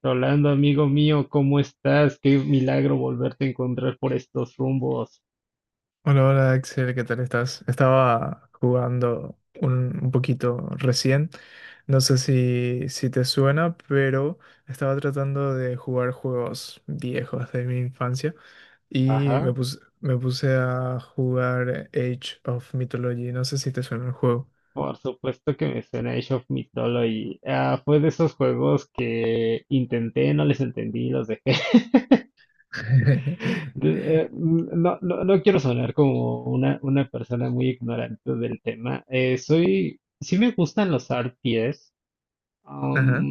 Rolando, amigo mío, ¿cómo estás? Qué milagro volverte a encontrar por estos rumbos. Hola, hola Axel, ¿qué tal estás? Estaba jugando un poquito recién, no sé si te suena, pero estaba tratando de jugar juegos viejos de mi infancia y me Ajá. puse, me puse a jugar Age of Mythology, no sé si te suena el juego. Por supuesto que me suena Age of Mythology. Ah, fue de esos juegos que intenté, no les entendí, los dejé. No, no quiero sonar como una persona muy ignorante del tema. Sí me gustan los RPGs. Ajá.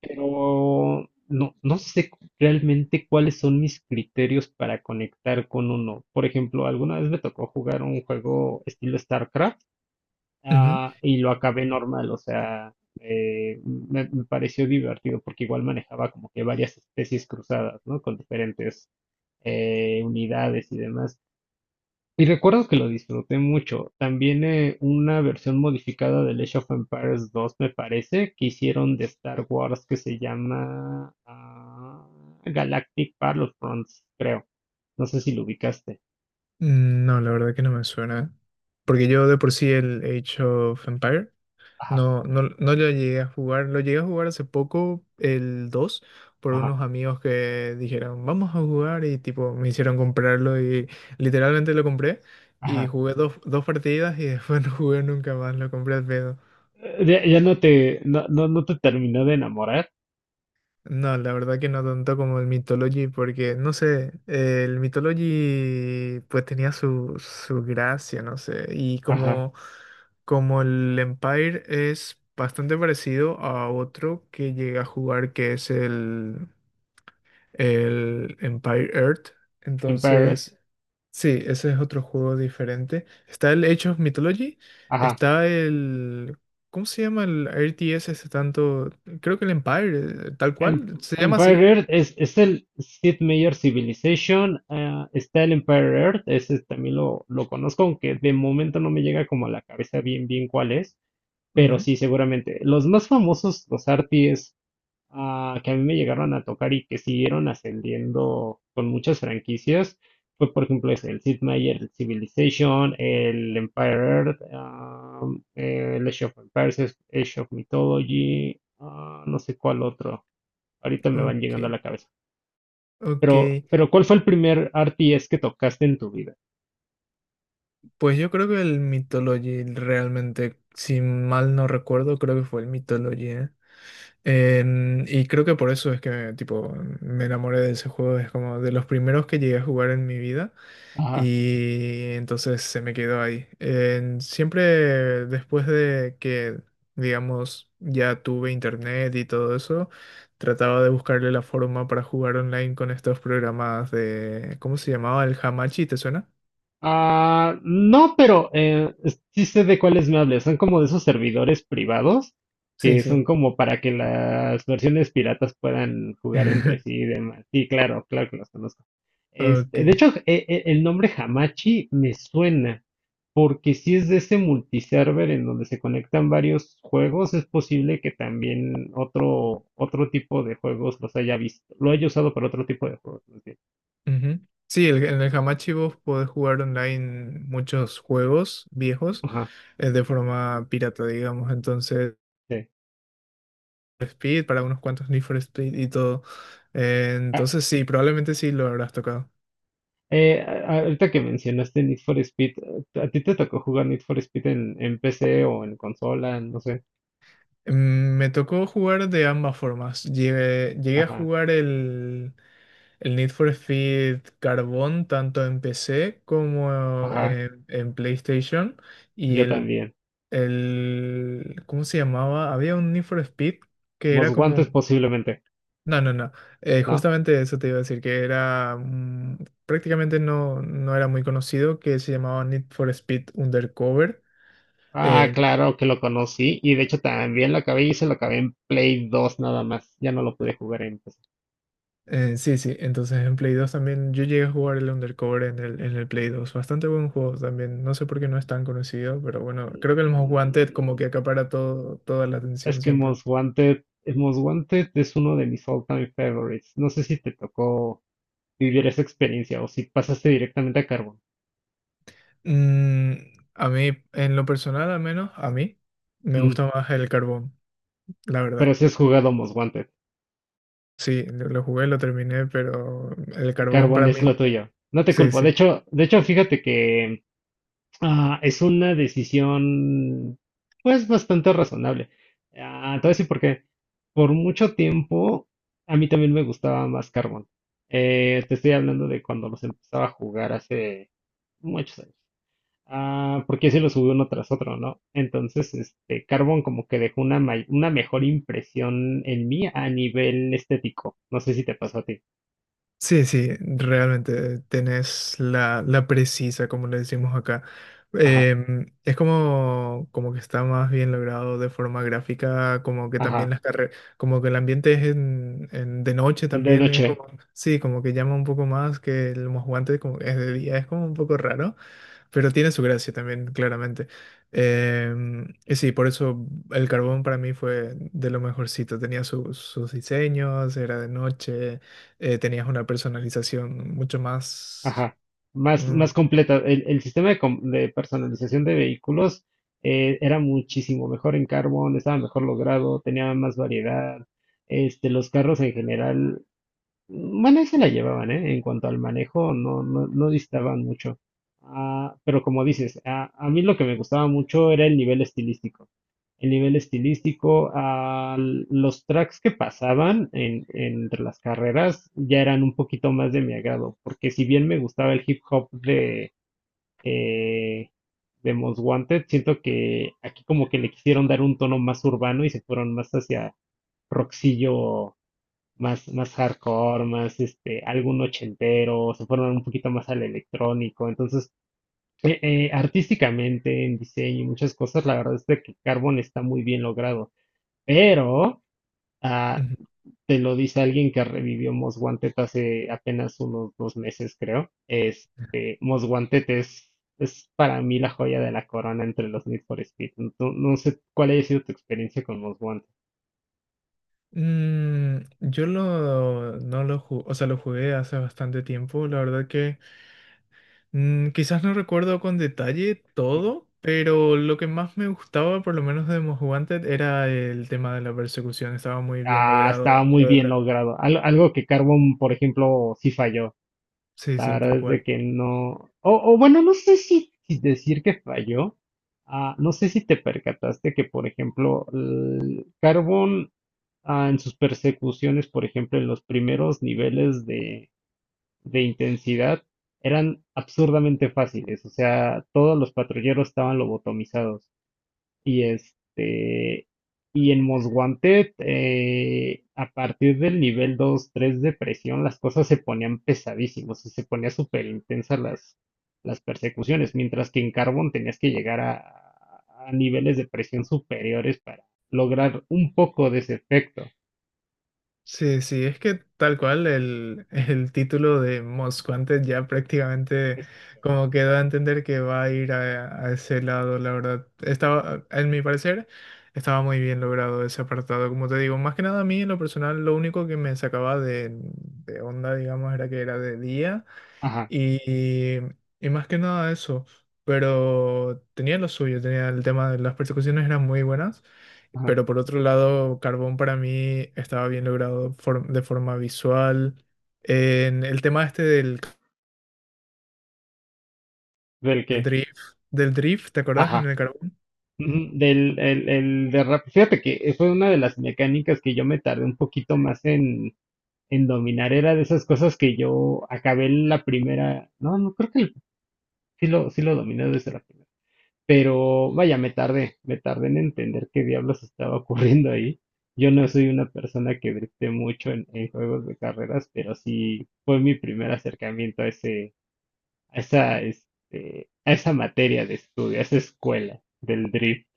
Pero no sé realmente cuáles son mis criterios para conectar con uno. Por ejemplo, alguna vez me tocó jugar un juego estilo StarCraft, Ujú. Y lo acabé normal, o sea, me pareció divertido porque igual manejaba como que varias especies cruzadas, ¿no? Con diferentes unidades y demás. Y recuerdo que lo disfruté mucho. También una versión modificada del Age of Empires 2, me parece, que hicieron de Star Wars que se llama Galactic Battlefronts, creo. No sé si lo ubicaste. No, la verdad que no me suena, porque yo de por sí el Age of Empire Ajá, no lo llegué a jugar. Lo llegué a jugar hace poco, el 2 por ajá, unos amigos que dijeron, vamos a jugar y tipo me hicieron comprarlo y literalmente lo compré y ajá. jugué dos partidas y después no jugué nunca más, lo compré al pedo. Ya, ya no no te terminó de enamorar. No, la verdad que no tanto como el Mythology, porque no sé, el Mythology pues tenía su gracia, no sé, y Ajá. como, como el Empire es bastante parecido a otro que llegué a jugar que es el Empire Earth, Empire, entonces sí, ese es otro juego diferente. Está el Age of Mythology, ajá. está el... ¿Cómo se llama el RTS ese tanto? Creo que el Empire, tal Em- cual, se llama Empire así. Earth es el Sid Meier Civilization. Ah, está el Empire Earth, ese también lo conozco, aunque de momento no me llega como a la cabeza bien cuál es, pero Ujú. sí, seguramente. Los más famosos, los arties que a mí me llegaron a tocar y que siguieron ascendiendo con muchas franquicias, fue por ejemplo ese, el Sid Meier Civilization, el Empire Earth, el Age of Empires, Age of Mythology, no sé cuál otro ahorita me van llegando a Ok, la cabeza. ok. Pero ¿cuál fue el primer RTS que tocaste en tu vida? Pues yo creo que el Mythology realmente, si mal no recuerdo, creo que fue el Mythology, ¿eh? Y creo que por eso es que tipo me enamoré de ese juego. Es como de los primeros que llegué a jugar en mi vida. Ajá. Y entonces se me quedó ahí. Siempre después de que, digamos, ya tuve internet y todo eso, trataba de buscarle la forma para jugar online con estos programas de, ¿cómo se llamaba? El Hamachi, ¿te suena? Ah, no, pero sí sé de cuáles me hablas. Son como de esos servidores privados Sí, que son sí. como para que las versiones piratas puedan jugar entre sí y demás. Sí, claro, claro que los conozco. Ok. Este, de hecho, el nombre Hamachi me suena porque si es de ese multiserver en donde se conectan varios juegos, es posible que también otro tipo de juegos los haya visto, lo haya usado para otro tipo de juegos. Más bien. Ujú. Sí, en el Hamachi vos podés jugar online muchos juegos viejos Ajá, de forma pirata, digamos. Entonces... sí. Speed, para unos cuantos Need for Speed y todo. Entonces sí, probablemente sí lo habrás tocado. Eh, a- Ahorita que mencionaste Need for Speed, ¿a ti te tocó jugar Need for Speed en PC o en consola? No sé. Me tocó jugar de ambas formas. Llegué a Ajá, jugar el Need for Speed Carbon tanto en PC como ajá, en PlayStation. Y yo también. ¿Cómo se llamaba? Había un Need for Speed que era Most como Wanted posiblemente, no. ¿No? Justamente eso te iba a decir, que era prácticamente no era muy conocido, que se llamaba Need for Speed Undercover. Ah, Eh, claro que lo conocí y de hecho también lo acabé y se lo acabé en Play 2 nada más. Ya no lo pude jugar en PC. Sí, sí, entonces en Play 2 también yo llegué a jugar el Undercover en en el Play 2. Bastante buen juego también. No sé por qué no es tan conocido, pero bueno, creo que el Most Wanted como Mm, que acapara todo, toda la Es atención que siempre. Most Wanted es uno de mis all-time favorites. No sé si te tocó vivir esa experiencia o si pasaste directamente a Carbon. Mm, a mí, en lo personal al menos, a mí me Mm, gusta más el carbón, la pero verdad. sí has jugado Most Wanted. Sí, lo jugué, lo terminé, pero el carbón Carbón para es mí, lo tuyo. No te sí, culpo. sí. De hecho, fíjate que es una decisión, pues, bastante razonable. Ah, te voy a decir por qué. Por mucho tiempo, a mí también me gustaba más Carbón. Te estoy hablando de cuando los empezaba a jugar hace muchos años. Ah, porque así los subí uno tras otro, ¿no? Entonces, este, Carbón como que dejó una mejor impresión en mí a nivel estético. No sé si te pasó a ti. Sí, sí, realmente tenés la precisa, como le decimos acá. Ajá, Es como, como que está más bien logrado de forma gráfica, como que también ajá. las carreras, como que el ambiente es de noche De también, es noche. como, sí, como que llama un poco más que el guantes como que es de día, es como un poco raro, pero tiene su gracia también, claramente. Y sí, por eso el carbón para mí fue de lo mejorcito, tenía sus sus diseños, era de noche tenías una personalización mucho más... Ajá, Mm. más completa. El sistema de personalización de vehículos era muchísimo mejor en Carbon, estaba mejor logrado, tenía más variedad. Este, los carros en general bueno, ahí se la llevaban, ¿eh? En cuanto al manejo, no distaban mucho. Ah, pero como dices, a mí lo que me gustaba mucho era el nivel estilístico. El nivel estilístico, los tracks que pasaban entre las carreras ya eran un poquito más de mi agrado, porque si bien me gustaba el hip hop eh, de Most Wanted, siento que aquí como que le quisieron dar un tono más urbano y se fueron más hacia rockcillo más hardcore, más este, algún ochentero, se fueron un poquito más al electrónico. Entonces, artísticamente, en diseño y muchas cosas, la verdad es de que Carbon está muy bien logrado. Pero ah, Ujú. te lo dice alguien que revivió Most Wanted hace apenas unos dos meses, creo. Este, es para mí la joya de la corona entre los Need for Speed. No, no sé cuál haya sido tu experiencia con Most Wanted. Yo lo, no lo o sea, lo jugué hace bastante tiempo. La verdad que quizás no recuerdo con detalle todo, pero lo que más me gustaba, por lo menos de Most Wanted, era el tema de la persecución. Estaba muy bien Ah, logrado. estaba muy Lo de bien la... logrado. Algo que Carbon, por ejemplo, sí falló. Sí, La sí, tal verdad es de cual. que no. O bueno, no sé si decir que falló. Ah, no sé si te percataste que, por ejemplo, el Carbon, ah, en sus persecuciones, por ejemplo, en los primeros niveles de intensidad, eran absurdamente fáciles. O sea, todos los patrulleros estaban lobotomizados. Y este, y en Most Wanted, a partir del nivel 2 3 de presión, las cosas se ponían pesadísimas y se ponía súper intensas las persecuciones, mientras que en Carbon tenías que llegar a niveles de presión superiores para lograr un poco de ese efecto. Sí, sí, es que tal cual el título de Most Wanted ya prácticamente Ese- como que da a entender que va a ir a ese lado, la verdad. Estaba, en mi parecer, estaba muy bien logrado ese apartado. Como te digo, más que nada a mí en lo personal, lo único que me sacaba de onda, digamos, era que era de día Ajá, y, y más que nada eso. Pero tenía lo suyo, tenía el tema de las persecuciones, eran muy buenas. ajá. Pero por otro lado, Carbón para mí estaba bien logrado de forma visual. En el tema este ¿Del qué? drift, del drift, ¿te acordás? En Ajá. el Carbón. Ujú. Del el derrape. Fíjate que fue una de las mecánicas que yo me tardé un poquito más en dominar. Era de esas cosas que yo acabé la primera. No, no, creo que sí lo dominé desde la primera. Pero vaya, me tardé en entender qué diablos estaba ocurriendo ahí. Yo no soy una persona que grite mucho en juegos de carreras, pero sí fue mi primer acercamiento a ese, a esa materia de estudio, a esa escuela del drift.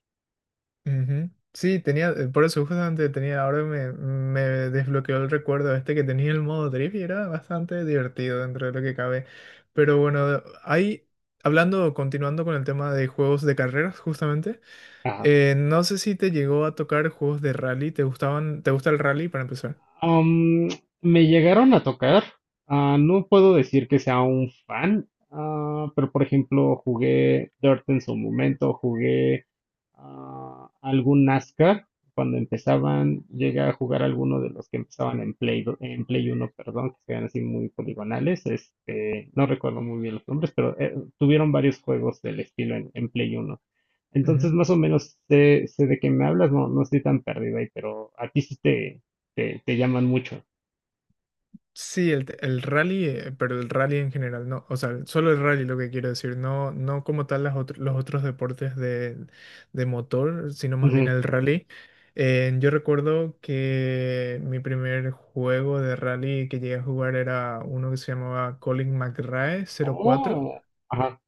Ujú. Sí, tenía, por eso justamente tenía, ahora me desbloqueó el recuerdo este que tenía el modo drift y era bastante divertido dentro de lo que cabe. Pero bueno, ahí, hablando, continuando con el tema de juegos de carreras, justamente, Ajá. No sé si te llegó a tocar juegos de rally, ¿te gustaban, te gusta el rally para empezar? Am, Me llegaron a tocar. Ah, no puedo decir que sea un fan, ah, pero por ejemplo jugué Dirt en su momento, jugué algún NASCAR. Cuando empezaban, llegué a jugar alguno de los que empezaban en en Play uno, perdón, que eran así muy poligonales. Este, no recuerdo muy bien los nombres, pero tuvieron varios juegos del estilo en Play uno. Entonces, más o menos sé de qué me hablas, no, no estoy tan perdido ahí, pero a ti sí te llaman mucho. Sí, el rally, pero el rally en general, no, o sea, solo el rally lo que quiero decir, no, no como tal los otros deportes de motor, sino más bien Ujú. el rally. Yo recuerdo que mi primer juego de rally que llegué a jugar era uno que se llamaba Colin McRae 04 Oh, ajá,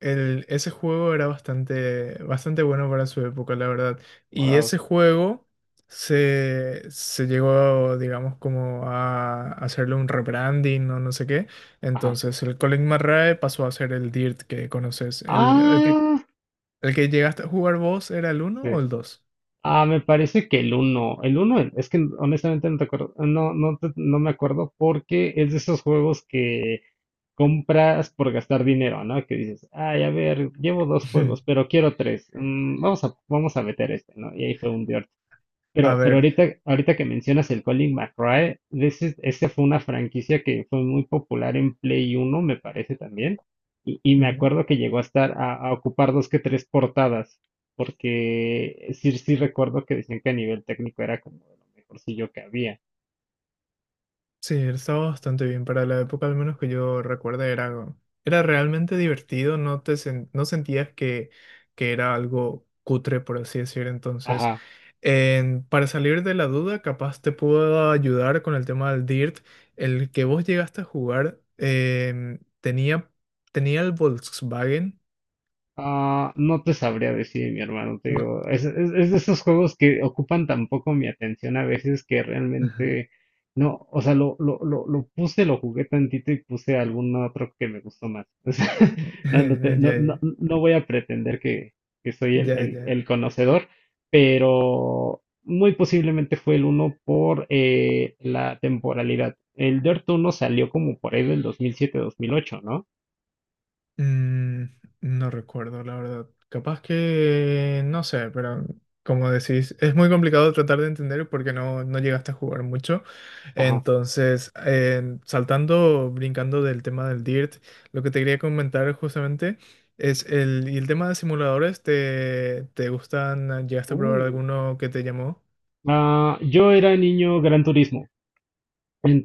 ese juego era bastante, bastante bueno para su época, la verdad. Y wow, ese juego se llegó, digamos, como a hacerle un rebranding o no sé qué. ajá. Entonces el Colin McRae pasó a ser el Dirt que conoces. Ah, El que llegaste a jugar vos era el uno sí. o el dos? Ah, me parece que el uno, el uno, el. Es que honestamente no te acuerdo, no me acuerdo porque es de esos juegos que compras por gastar dinero, ¿no? Que dices, ay, a ver, llevo dos juegos, pero quiero tres, vamos a meter este, ¿no? Y ahí fue un A pero ver. Ahorita que mencionas el Colin McRae, ese fue una franquicia que fue muy popular en Play Uno, me parece también. Y me acuerdo que llegó a estar a ocupar dos que tres portadas, porque sí recuerdo que decían que a nivel técnico era como de lo mejorcillo que había. Sí, él estaba bastante bien. Para la época, al menos que yo recuerdo, era, era realmente divertido. No te no sentías que era algo cutre, por así decir. Entonces, Ajá. Para salir de la duda, capaz te puedo ayudar con el tema del DIRT. El que vos llegaste a jugar tenía, tenía el Volkswagen. Ah, no te sabría decir, mi hermano, te No. digo, es de esos juegos que ocupan tan poco mi atención a veces que realmente no, o sea, lo puse, lo jugué tantito y puse algún otro que me gustó más. O sea, Ya, ya, no voy a pretender que soy ya, ya. el conocedor, pero muy posiblemente fue el uno por la temporalidad. El Dirt uno salió como por ahí del 2007-2008, ¿no? Mm, no recuerdo, la verdad. Capaz que, no sé, pero como decís, es muy complicado tratar de entender porque no, no llegaste a jugar mucho. Ajá. Entonces, saltando, brincando del tema del DIRT, lo que te quería comentar justamente es el tema de simuladores, ¿te, te gustan? ¿Llegaste a probar alguno que te llamó? Ah, yo era niño Gran Turismo,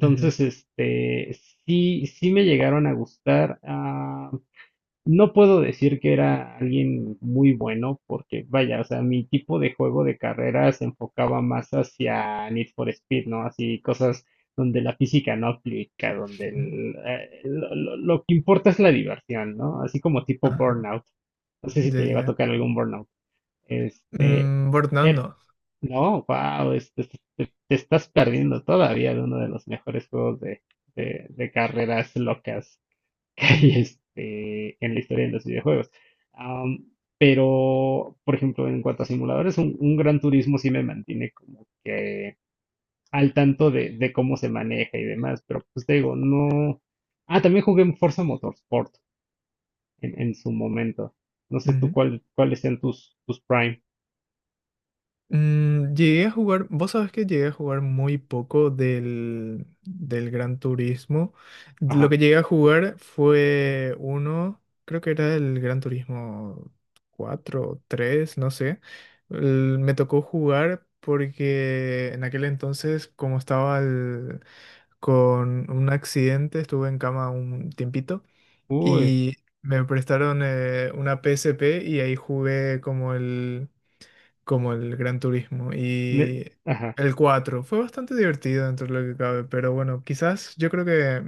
Ujú, este sí me llegaron a gustar. Ah, no puedo decir que era alguien muy bueno, porque vaya, o sea, mi tipo de juego de carrera se enfocaba más hacia Need for Speed, ¿no? Así cosas donde la física no aplica, donde ujú. el, lo que importa es la diversión, ¿no? Así como tipo Ajá, Burnout. No sé si te ya, llegó a ya. tocar algún Burnout. Este, Burnout no, wow, te, estás perdiendo todavía de uno de los mejores juegos de carreras locas que hay este, en la historia de los videojuegos. Am, pero, por ejemplo, en cuanto a simuladores, un Gran Turismo sí me mantiene como que al tanto de cómo se maneja y demás, pero pues te digo, no. Ah, también jugué en Forza Motorsport en su momento. No sé tú, no. Cuáles sean tus Prime. Llegué a jugar, vos sabés que llegué a jugar muy poco del Gran Turismo. Lo Ajá. que llegué a jugar fue uno, creo que era el Gran Turismo 4 o 3, no sé. Me tocó jugar porque en aquel entonces, como estaba con un accidente, estuve en cama un tiempito Uy. y me prestaron una PSP y ahí jugué como el Gran Turismo. ne- Y Ajá. el 4 fue bastante divertido dentro de lo que cabe, pero bueno, quizás yo creo que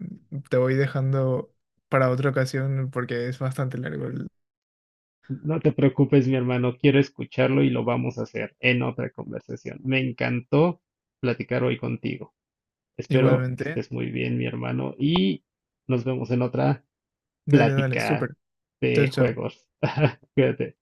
te voy dejando para otra ocasión porque es bastante largo. El- No te preocupes, mi hermano, quiero escucharlo y lo vamos a hacer en otra conversación. Me encantó platicar hoy contigo. Espero que Igualmente, estés muy bien, mi hermano, y nos vemos en otra dale, dale, plática súper. Chao, de chao. juegos. Cuídate.